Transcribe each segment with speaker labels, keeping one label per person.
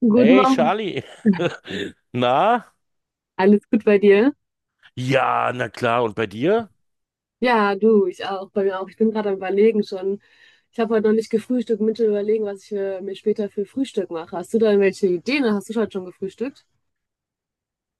Speaker 1: Guten
Speaker 2: Hey
Speaker 1: Morgen.
Speaker 2: Charlie, na?
Speaker 1: Alles gut bei dir?
Speaker 2: Ja, na klar, und bei dir?
Speaker 1: Ja, du, ich auch, bei mir auch. Ich bin gerade am Überlegen schon. Ich habe heute noch nicht gefrühstückt, mit dem Überlegen, was ich mir später für Frühstück mache. Hast du da irgendwelche Ideen, oder hast du heute schon gefrühstückt?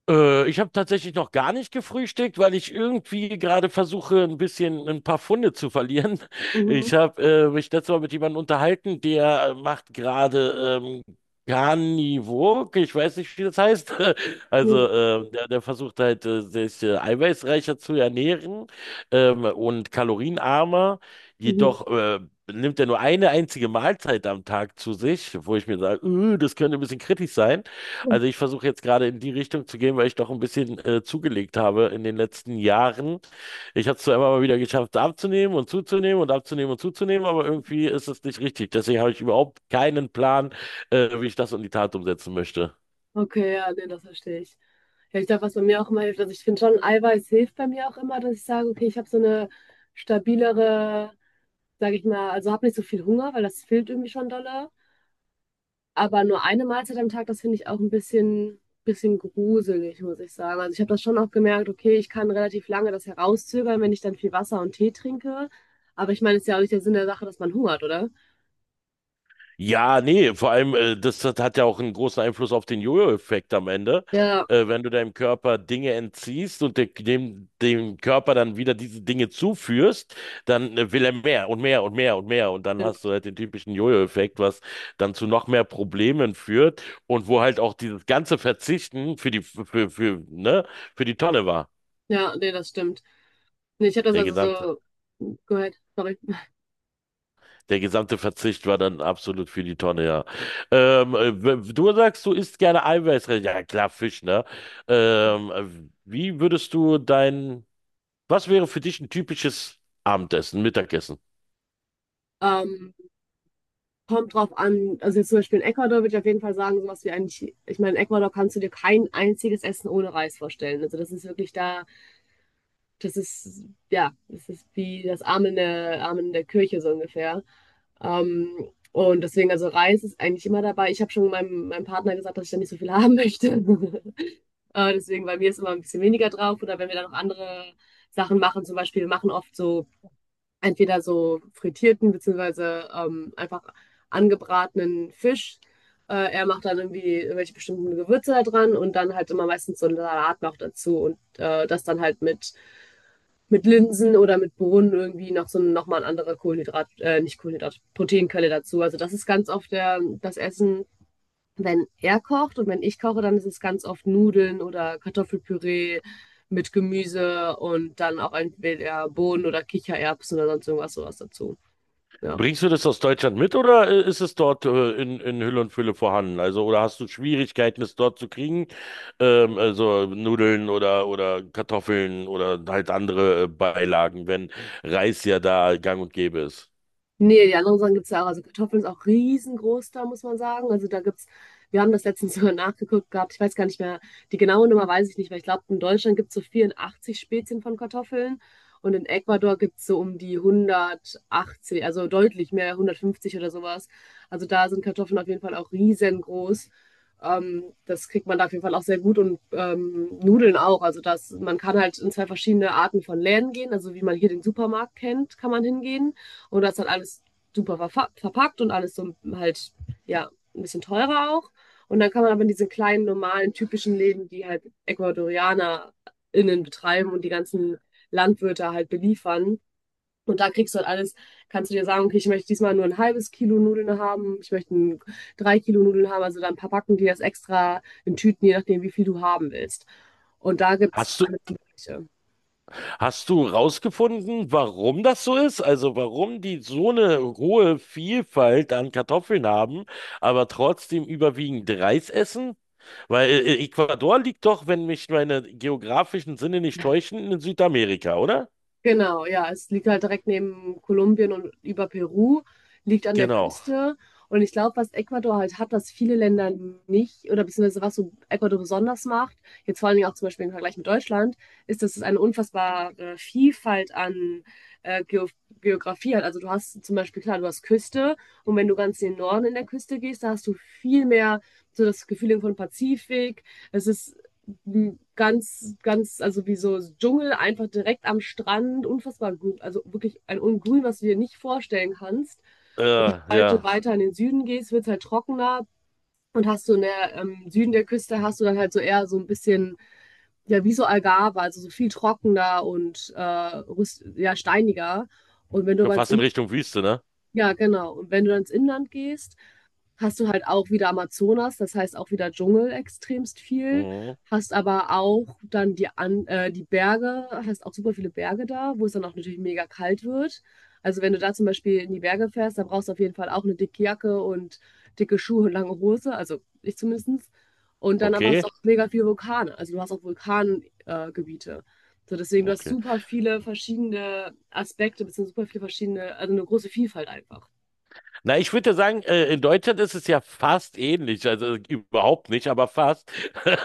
Speaker 2: Ich habe tatsächlich noch gar nicht gefrühstückt, weil ich irgendwie gerade versuche, ein bisschen ein paar Pfunde zu verlieren.
Speaker 1: Mhm.
Speaker 2: Ich habe mich letztes Mal mit jemandem unterhalten, der macht gerade Carnivore, ich weiß nicht, wie das heißt. Also
Speaker 1: Ja.
Speaker 2: der versucht halt, sich eiweißreicher zu ernähren, und kalorienarmer.
Speaker 1: Mhm.
Speaker 2: Jedoch nimmt er nur eine einzige Mahlzeit am Tag zu sich, wo ich mir sage, das könnte ein bisschen kritisch sein." Also ich versuche jetzt gerade in die Richtung zu gehen, weil ich doch ein bisschen zugelegt habe in den letzten Jahren. Ich habe es zwar immer mal wieder geschafft, abzunehmen und zuzunehmen und abzunehmen und zuzunehmen, aber irgendwie ist es nicht richtig. Deswegen habe ich überhaupt keinen Plan, wie ich das in die Tat umsetzen möchte.
Speaker 1: Okay, ja, nee, das verstehe ich. Ja, ich glaube, was bei mir auch immer hilft, also ich finde schon, Eiweiß hilft bei mir auch immer, dass ich sage, okay, ich habe so eine stabilere, sage ich mal, also habe nicht so viel Hunger, weil das fehlt irgendwie schon dolle. Aber nur eine Mahlzeit am Tag, das finde ich auch ein bisschen gruselig, muss ich sagen. Also ich habe das schon auch gemerkt, okay, ich kann relativ lange das herauszögern, wenn ich dann viel Wasser und Tee trinke. Aber ich meine, es ist ja auch nicht der Sinn der Sache, dass man hungert, oder?
Speaker 2: Ja, nee, vor allem, das hat ja auch einen großen Einfluss auf den Jojo-Effekt am Ende.
Speaker 1: Ja,
Speaker 2: Wenn du deinem Körper Dinge entziehst und dem Körper dann wieder diese Dinge zuführst, dann will er mehr und mehr und mehr und mehr. Und dann hast
Speaker 1: stimmt.
Speaker 2: du halt den typischen Jojo-Effekt, was dann zu noch mehr Problemen führt und wo halt auch dieses ganze Verzichten für die, für, ne, für die Tonne war.
Speaker 1: Ja, nee, das stimmt. Nee, ich habe das
Speaker 2: Der
Speaker 1: also
Speaker 2: gesamte.
Speaker 1: so gehört, sorry.
Speaker 2: Der gesamte Verzicht war dann absolut für die Tonne, ja. Du sagst, du isst gerne eiweißreich. Ja, klar, Fisch, ne? Ähm, äh, wie würdest du dein, Was wäre für dich ein typisches Abendessen, Mittagessen?
Speaker 1: Ähm, Kommt drauf an, also jetzt zum Beispiel in Ecuador würde ich auf jeden Fall sagen, sowas wie eigentlich, ich meine, in Ecuador kannst du dir kein einziges Essen ohne Reis vorstellen. Also das ist wirklich da. Das ist, ja, das ist wie das Amen der Kirche so ungefähr. Ähm, und deswegen, also Reis ist eigentlich immer dabei. Ich habe schon meinem Partner gesagt, dass ich da nicht so viel haben möchte. Deswegen bei mir ist immer ein bisschen weniger drauf. Oder wenn wir dann noch andere Sachen machen, zum Beispiel, wir machen oft so entweder so frittierten beziehungsweise einfach angebratenen Fisch. Er macht dann irgendwie irgendwelche bestimmten Gewürze da dran und dann halt immer meistens so einen Salat noch dazu und das dann halt mit Linsen oder mit Bohnen irgendwie noch so nochmal ein anderer Kohlenhydrat, nicht Kohlenhydrat, Proteinquelle dazu. Also das ist ganz oft das Essen, wenn er kocht, und wenn ich koche, dann ist es ganz oft Nudeln oder Kartoffelpüree mit Gemüse und dann auch entweder Bohnen oder Kichererbsen oder sonst irgendwas sowas dazu. Ja.
Speaker 2: Bringst du das aus Deutschland mit oder ist es dort in Hülle und Fülle vorhanden? Also, oder hast du Schwierigkeiten, es dort zu kriegen? Also Nudeln oder Kartoffeln oder halt andere Beilagen, wenn Reis ja da gang und gäbe ist.
Speaker 1: Nee, die anderen Sachen gibt's ja auch. Also Kartoffeln ist auch riesengroß da, muss man sagen. Also da gibt's, wir haben das letztens sogar nachgeguckt gehabt. Ich weiß gar nicht mehr, die genaue Nummer weiß ich nicht, weil ich glaube, in Deutschland gibt's so 84 Spezien von Kartoffeln und in Ecuador gibt's so um die 180, also deutlich mehr, 150 oder sowas. Also da sind Kartoffeln auf jeden Fall auch riesengroß. Das kriegt man da auf jeden Fall auch sehr gut und Nudeln auch. Also das, man kann halt in zwei verschiedene Arten von Läden gehen. Also wie man hier den Supermarkt kennt, kann man hingehen. Und das hat alles super verpackt und alles so halt, ja, ein bisschen teurer auch. Und dann kann man aber in diese kleinen, normalen, typischen Läden, die halt EcuadorianerInnen betreiben und die ganzen Landwirte halt beliefern. Und da kriegst du halt alles, kannst du dir sagen, okay, ich möchte diesmal nur ein halbes Kilo Nudeln haben, ich möchte 3 Kilo Nudeln haben, also dann verpacken die das extra in Tüten, je nachdem, wie viel du haben willst. Und da gibt's
Speaker 2: Hast du
Speaker 1: alles Mögliche.
Speaker 2: Hast du rausgefunden, warum das so ist? Also warum die so eine hohe Vielfalt an Kartoffeln haben, aber trotzdem überwiegend Reis essen? Weil Ecuador liegt doch, wenn mich meine geografischen Sinne nicht täuschen, in Südamerika, oder?
Speaker 1: Genau, ja, es liegt halt direkt neben Kolumbien und über Peru, liegt an der
Speaker 2: Genau.
Speaker 1: Küste. Und ich glaube, was Ecuador halt hat, was viele Länder nicht, oder beziehungsweise was so Ecuador besonders macht, jetzt vor allen Dingen auch zum Beispiel im Vergleich mit Deutschland, ist, dass es eine unfassbare Vielfalt an äh, Geo Geografie hat. Also du hast zum Beispiel, klar, du hast Küste und wenn du ganz in den Norden in der Küste gehst, da hast du viel mehr so das Gefühl von Pazifik. Es ist ganz, ganz, also wie so Dschungel, einfach direkt am Strand, unfassbar grün, also wirklich ein Ungrün, was du dir nicht vorstellen kannst. Und
Speaker 2: Äh,
Speaker 1: sobald du
Speaker 2: ja.
Speaker 1: weiter in den Süden gehst, wird es halt trockener. Und hast du in der Süden der Küste, hast du dann halt so eher so ein bisschen, ja, wie so Algarve, also so viel trockener und ja, steiniger. Und wenn du
Speaker 2: Schon
Speaker 1: aber ins
Speaker 2: fast in
Speaker 1: In-,
Speaker 2: Richtung Wüste, ne?
Speaker 1: ja, genau. Und wenn du dann ins Inland gehst, hast du halt auch wieder Amazonas, das heißt auch wieder Dschungel extremst viel.
Speaker 2: Mhm.
Speaker 1: Hast aber auch dann die, An die Berge, hast auch super viele Berge da, wo es dann auch natürlich mega kalt wird. Also wenn du da zum Beispiel in die Berge fährst, dann brauchst du auf jeden Fall auch eine dicke Jacke und dicke Schuhe und lange Hose, also ich zumindest. Und dann aber hast du
Speaker 2: Okay.
Speaker 1: auch mega viele Vulkane, also du hast auch Vulkangebiete. Gebiete. So deswegen, du hast
Speaker 2: Okay.
Speaker 1: super viele verschiedene Aspekte, beziehungsweise super viele verschiedene, also eine große Vielfalt einfach.
Speaker 2: Na, ich würde ja sagen, in Deutschland ist es ja fast ähnlich, also überhaupt nicht, aber fast.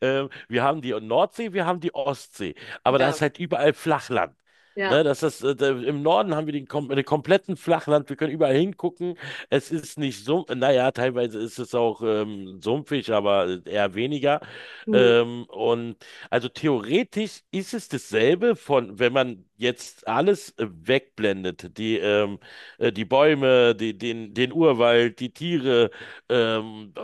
Speaker 2: Wir haben die Nordsee, wir haben die Ostsee, aber da ist
Speaker 1: Ja,
Speaker 2: halt überall Flachland.
Speaker 1: ja.
Speaker 2: Ne, im Norden haben wir den, kom den kompletten Flachland, wir können überall hingucken. Es ist nicht so, naja, teilweise ist es auch sumpfig, aber eher weniger.
Speaker 1: Hm.
Speaker 2: Ähm, und also theoretisch ist es dasselbe von, wenn man jetzt alles wegblendet, die Bäume, den Urwald, die Tiere. Ähm, äh,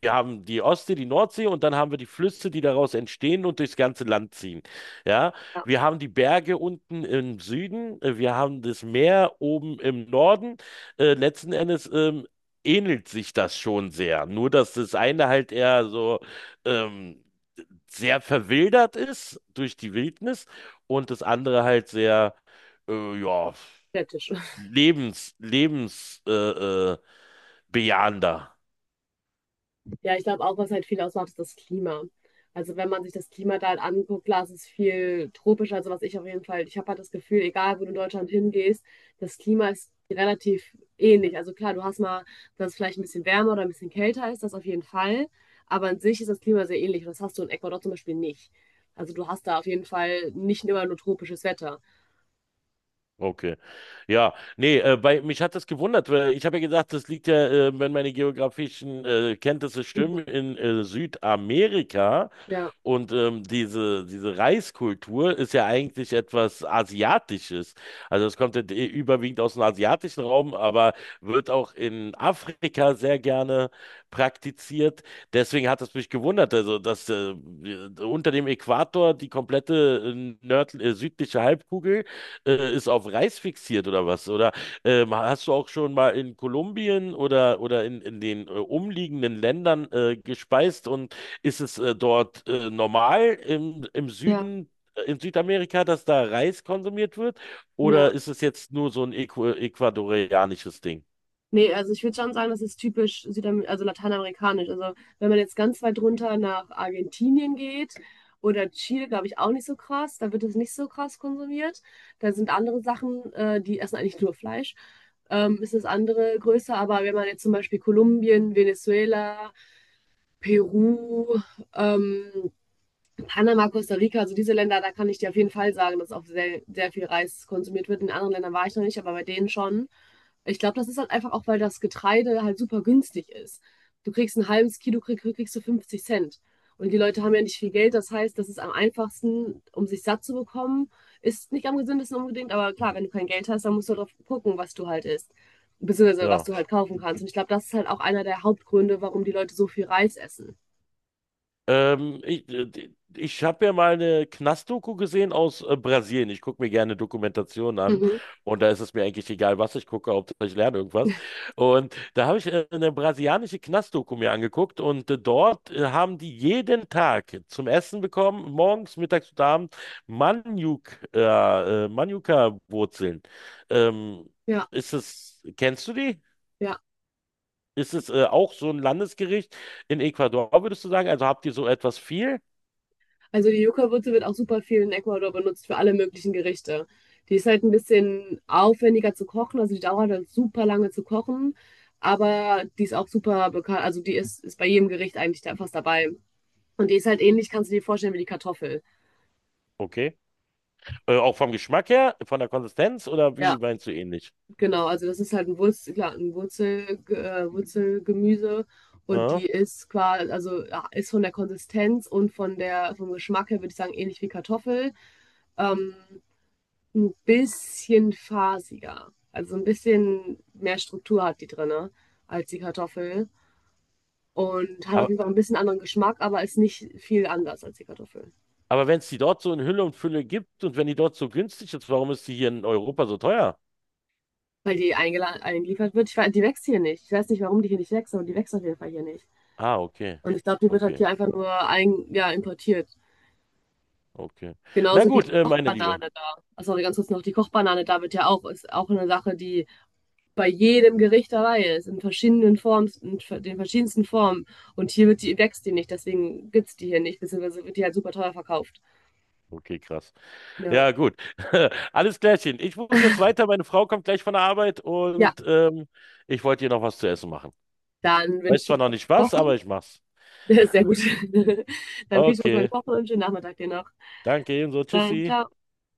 Speaker 2: Wir haben die Ostsee, die Nordsee und dann haben wir die Flüsse, die daraus entstehen und durchs ganze Land ziehen. Ja, wir haben die Berge unten im Süden, wir haben das Meer oben im Norden. Letzten Endes ähnelt sich das schon sehr. Nur, dass das eine halt eher so ähm, sehr verwildert ist durch die Wildnis und das andere halt sehr, ja.
Speaker 1: Städtisch.
Speaker 2: Lebens, Lebens, äh, äh, Bejahender.
Speaker 1: Ja, ich glaube auch, was halt viel ausmacht, ist das Klima. Also wenn man sich das Klima da halt anguckt, klar, es ist viel tropisch. Also was ich auf jeden Fall, ich habe halt das Gefühl, egal wo du in Deutschland hingehst, das Klima ist relativ ähnlich. Also klar, du hast mal, dass es vielleicht ein bisschen wärmer oder ein bisschen kälter ist, das auf jeden Fall. Aber an sich ist das Klima sehr ähnlich und das hast du in Ecuador zum Beispiel nicht. Also du hast da auf jeden Fall nicht immer nur tropisches Wetter.
Speaker 2: Okay. Ja, nee, weil mich hat das gewundert, weil ich habe ja gesagt, das liegt ja, wenn meine geografischen Kenntnisse
Speaker 1: Mhm.
Speaker 2: stimmen, in Südamerika.
Speaker 1: Ja,
Speaker 2: Und diese Reiskultur ist ja eigentlich etwas Asiatisches. Also es kommt ja überwiegend aus dem asiatischen Raum, aber wird auch in Afrika sehr gerne praktiziert. Deswegen hat es mich gewundert, also dass unter dem Äquator die komplette südliche Halbkugel ist auf Reis fixiert oder was? Oder hast du auch schon mal in Kolumbien in den umliegenden Ländern gespeist und ist es dort normal im
Speaker 1: ja,
Speaker 2: Süden, in Südamerika, dass da Reis konsumiert wird?
Speaker 1: ja.
Speaker 2: Oder ist es jetzt nur so ein Äqu ecuadorianisches Ding?
Speaker 1: Nee, also ich würde schon sagen, das ist typisch Südamer also lateinamerikanisch. Also wenn man jetzt ganz weit runter nach Argentinien geht oder Chile, glaube ich, auch nicht so krass. Da wird es nicht so krass konsumiert. Da sind andere Sachen, die essen eigentlich nur Fleisch. Ist das andere größer. Aber wenn man jetzt zum Beispiel Kolumbien, Venezuela, Peru, ähm, Panama, Costa Rica, also diese Länder, da kann ich dir auf jeden Fall sagen, dass auch sehr, sehr viel Reis konsumiert wird. In anderen Ländern war ich noch nicht, aber bei denen schon. Ich glaube, das ist halt einfach auch, weil das Getreide halt super günstig ist. Du kriegst ein halbes Kilo, kriegst du 50 Cent. Und die Leute haben ja nicht viel Geld. Das heißt, das ist am einfachsten, um sich satt zu bekommen. Ist nicht am gesündesten unbedingt, aber klar, wenn du kein Geld hast, dann musst du darauf gucken, was du halt isst. Beziehungsweise was
Speaker 2: Ja.
Speaker 1: du halt kaufen kannst. Und ich glaube, das ist halt auch einer der Hauptgründe, warum die Leute so viel Reis essen.
Speaker 2: Ähm, ich äh, Ich habe ja mal eine Knastdoku gesehen aus Brasilien. Ich gucke mir gerne Dokumentationen an
Speaker 1: Mhm.
Speaker 2: und da ist es mir eigentlich egal, was ich gucke, Hauptsache ich lerne irgendwas. Und da habe ich eine brasilianische Knastdoku mir angeguckt und dort haben die jeden Tag zum Essen bekommen, morgens, mittags und abends, Maniok, Manuka-Wurzeln. Ähm,
Speaker 1: Ja,
Speaker 2: ist es, kennst du die?
Speaker 1: ja.
Speaker 2: Ist es auch so ein Landesgericht in Ecuador, würdest du sagen? Also habt ihr so etwas viel?
Speaker 1: Also die Yucca-Wurzel wird auch super viel in Ecuador benutzt für alle möglichen Gerichte. Die ist halt ein bisschen aufwendiger zu kochen, also die dauert halt super lange zu kochen, aber die ist auch super bekannt, also die ist, ist bei jedem Gericht eigentlich da fast dabei. Und die ist halt ähnlich, kannst du dir vorstellen, wie die Kartoffel.
Speaker 2: Okay. Auch vom Geschmack her, von der Konsistenz oder wie
Speaker 1: Ja,
Speaker 2: meinst du ähnlich?
Speaker 1: genau, also das ist halt ein Wurzel, klar, ein Wurzel, Wurzelgemüse und
Speaker 2: Ja.
Speaker 1: die ist quasi, also ja, ist von der Konsistenz und von der, vom Geschmack her, würde ich sagen, ähnlich wie Kartoffel. Ähm, ein bisschen fasiger. Also ein bisschen mehr Struktur hat die drinne als die Kartoffel. Und hat auf
Speaker 2: Aber,
Speaker 1: jeden Fall ein bisschen anderen Geschmack, aber ist nicht viel anders als die Kartoffel.
Speaker 2: aber wenn es die dort so in Hülle und Fülle gibt und wenn die dort so günstig ist, warum ist die hier in Europa so teuer?
Speaker 1: Weil die eingeliefert wird. Ich weiß, die wächst hier nicht. Ich weiß nicht, warum die hier nicht wächst, aber die wächst auf jeden Fall hier nicht.
Speaker 2: Ah, okay.
Speaker 1: Und ich glaube, die wird halt
Speaker 2: Okay,
Speaker 1: hier einfach nur ja, importiert.
Speaker 2: okay. Na
Speaker 1: Genauso wie
Speaker 2: gut,
Speaker 1: die
Speaker 2: meine Liebe.
Speaker 1: Kochbanane da. Achso, ganz kurz noch, die Kochbanane da wird ja auch, ist auch eine Sache, die bei jedem Gericht dabei ist, in verschiedenen Formen, in den verschiedensten Formen. Und hier wird die, wächst die nicht, deswegen gibt es die hier nicht, beziehungsweise wird die halt super teuer verkauft.
Speaker 2: Okay, krass.
Speaker 1: Ja,
Speaker 2: Ja, gut. Alles klärchen. Ich muss jetzt weiter. Meine Frau kommt gleich von der Arbeit
Speaker 1: ja,
Speaker 2: und ich wollte ihr noch was zu essen machen.
Speaker 1: dann
Speaker 2: Weiß
Speaker 1: wünsche ich
Speaker 2: zwar noch
Speaker 1: dir
Speaker 2: nicht
Speaker 1: noch,
Speaker 2: was, aber ich mach's.
Speaker 1: sehr gut, dann viel Spaß beim
Speaker 2: Okay.
Speaker 1: Kochen und schönen Nachmittag dir noch.
Speaker 2: Danke ebenso.
Speaker 1: Dann,
Speaker 2: Tschüssi.
Speaker 1: ciao.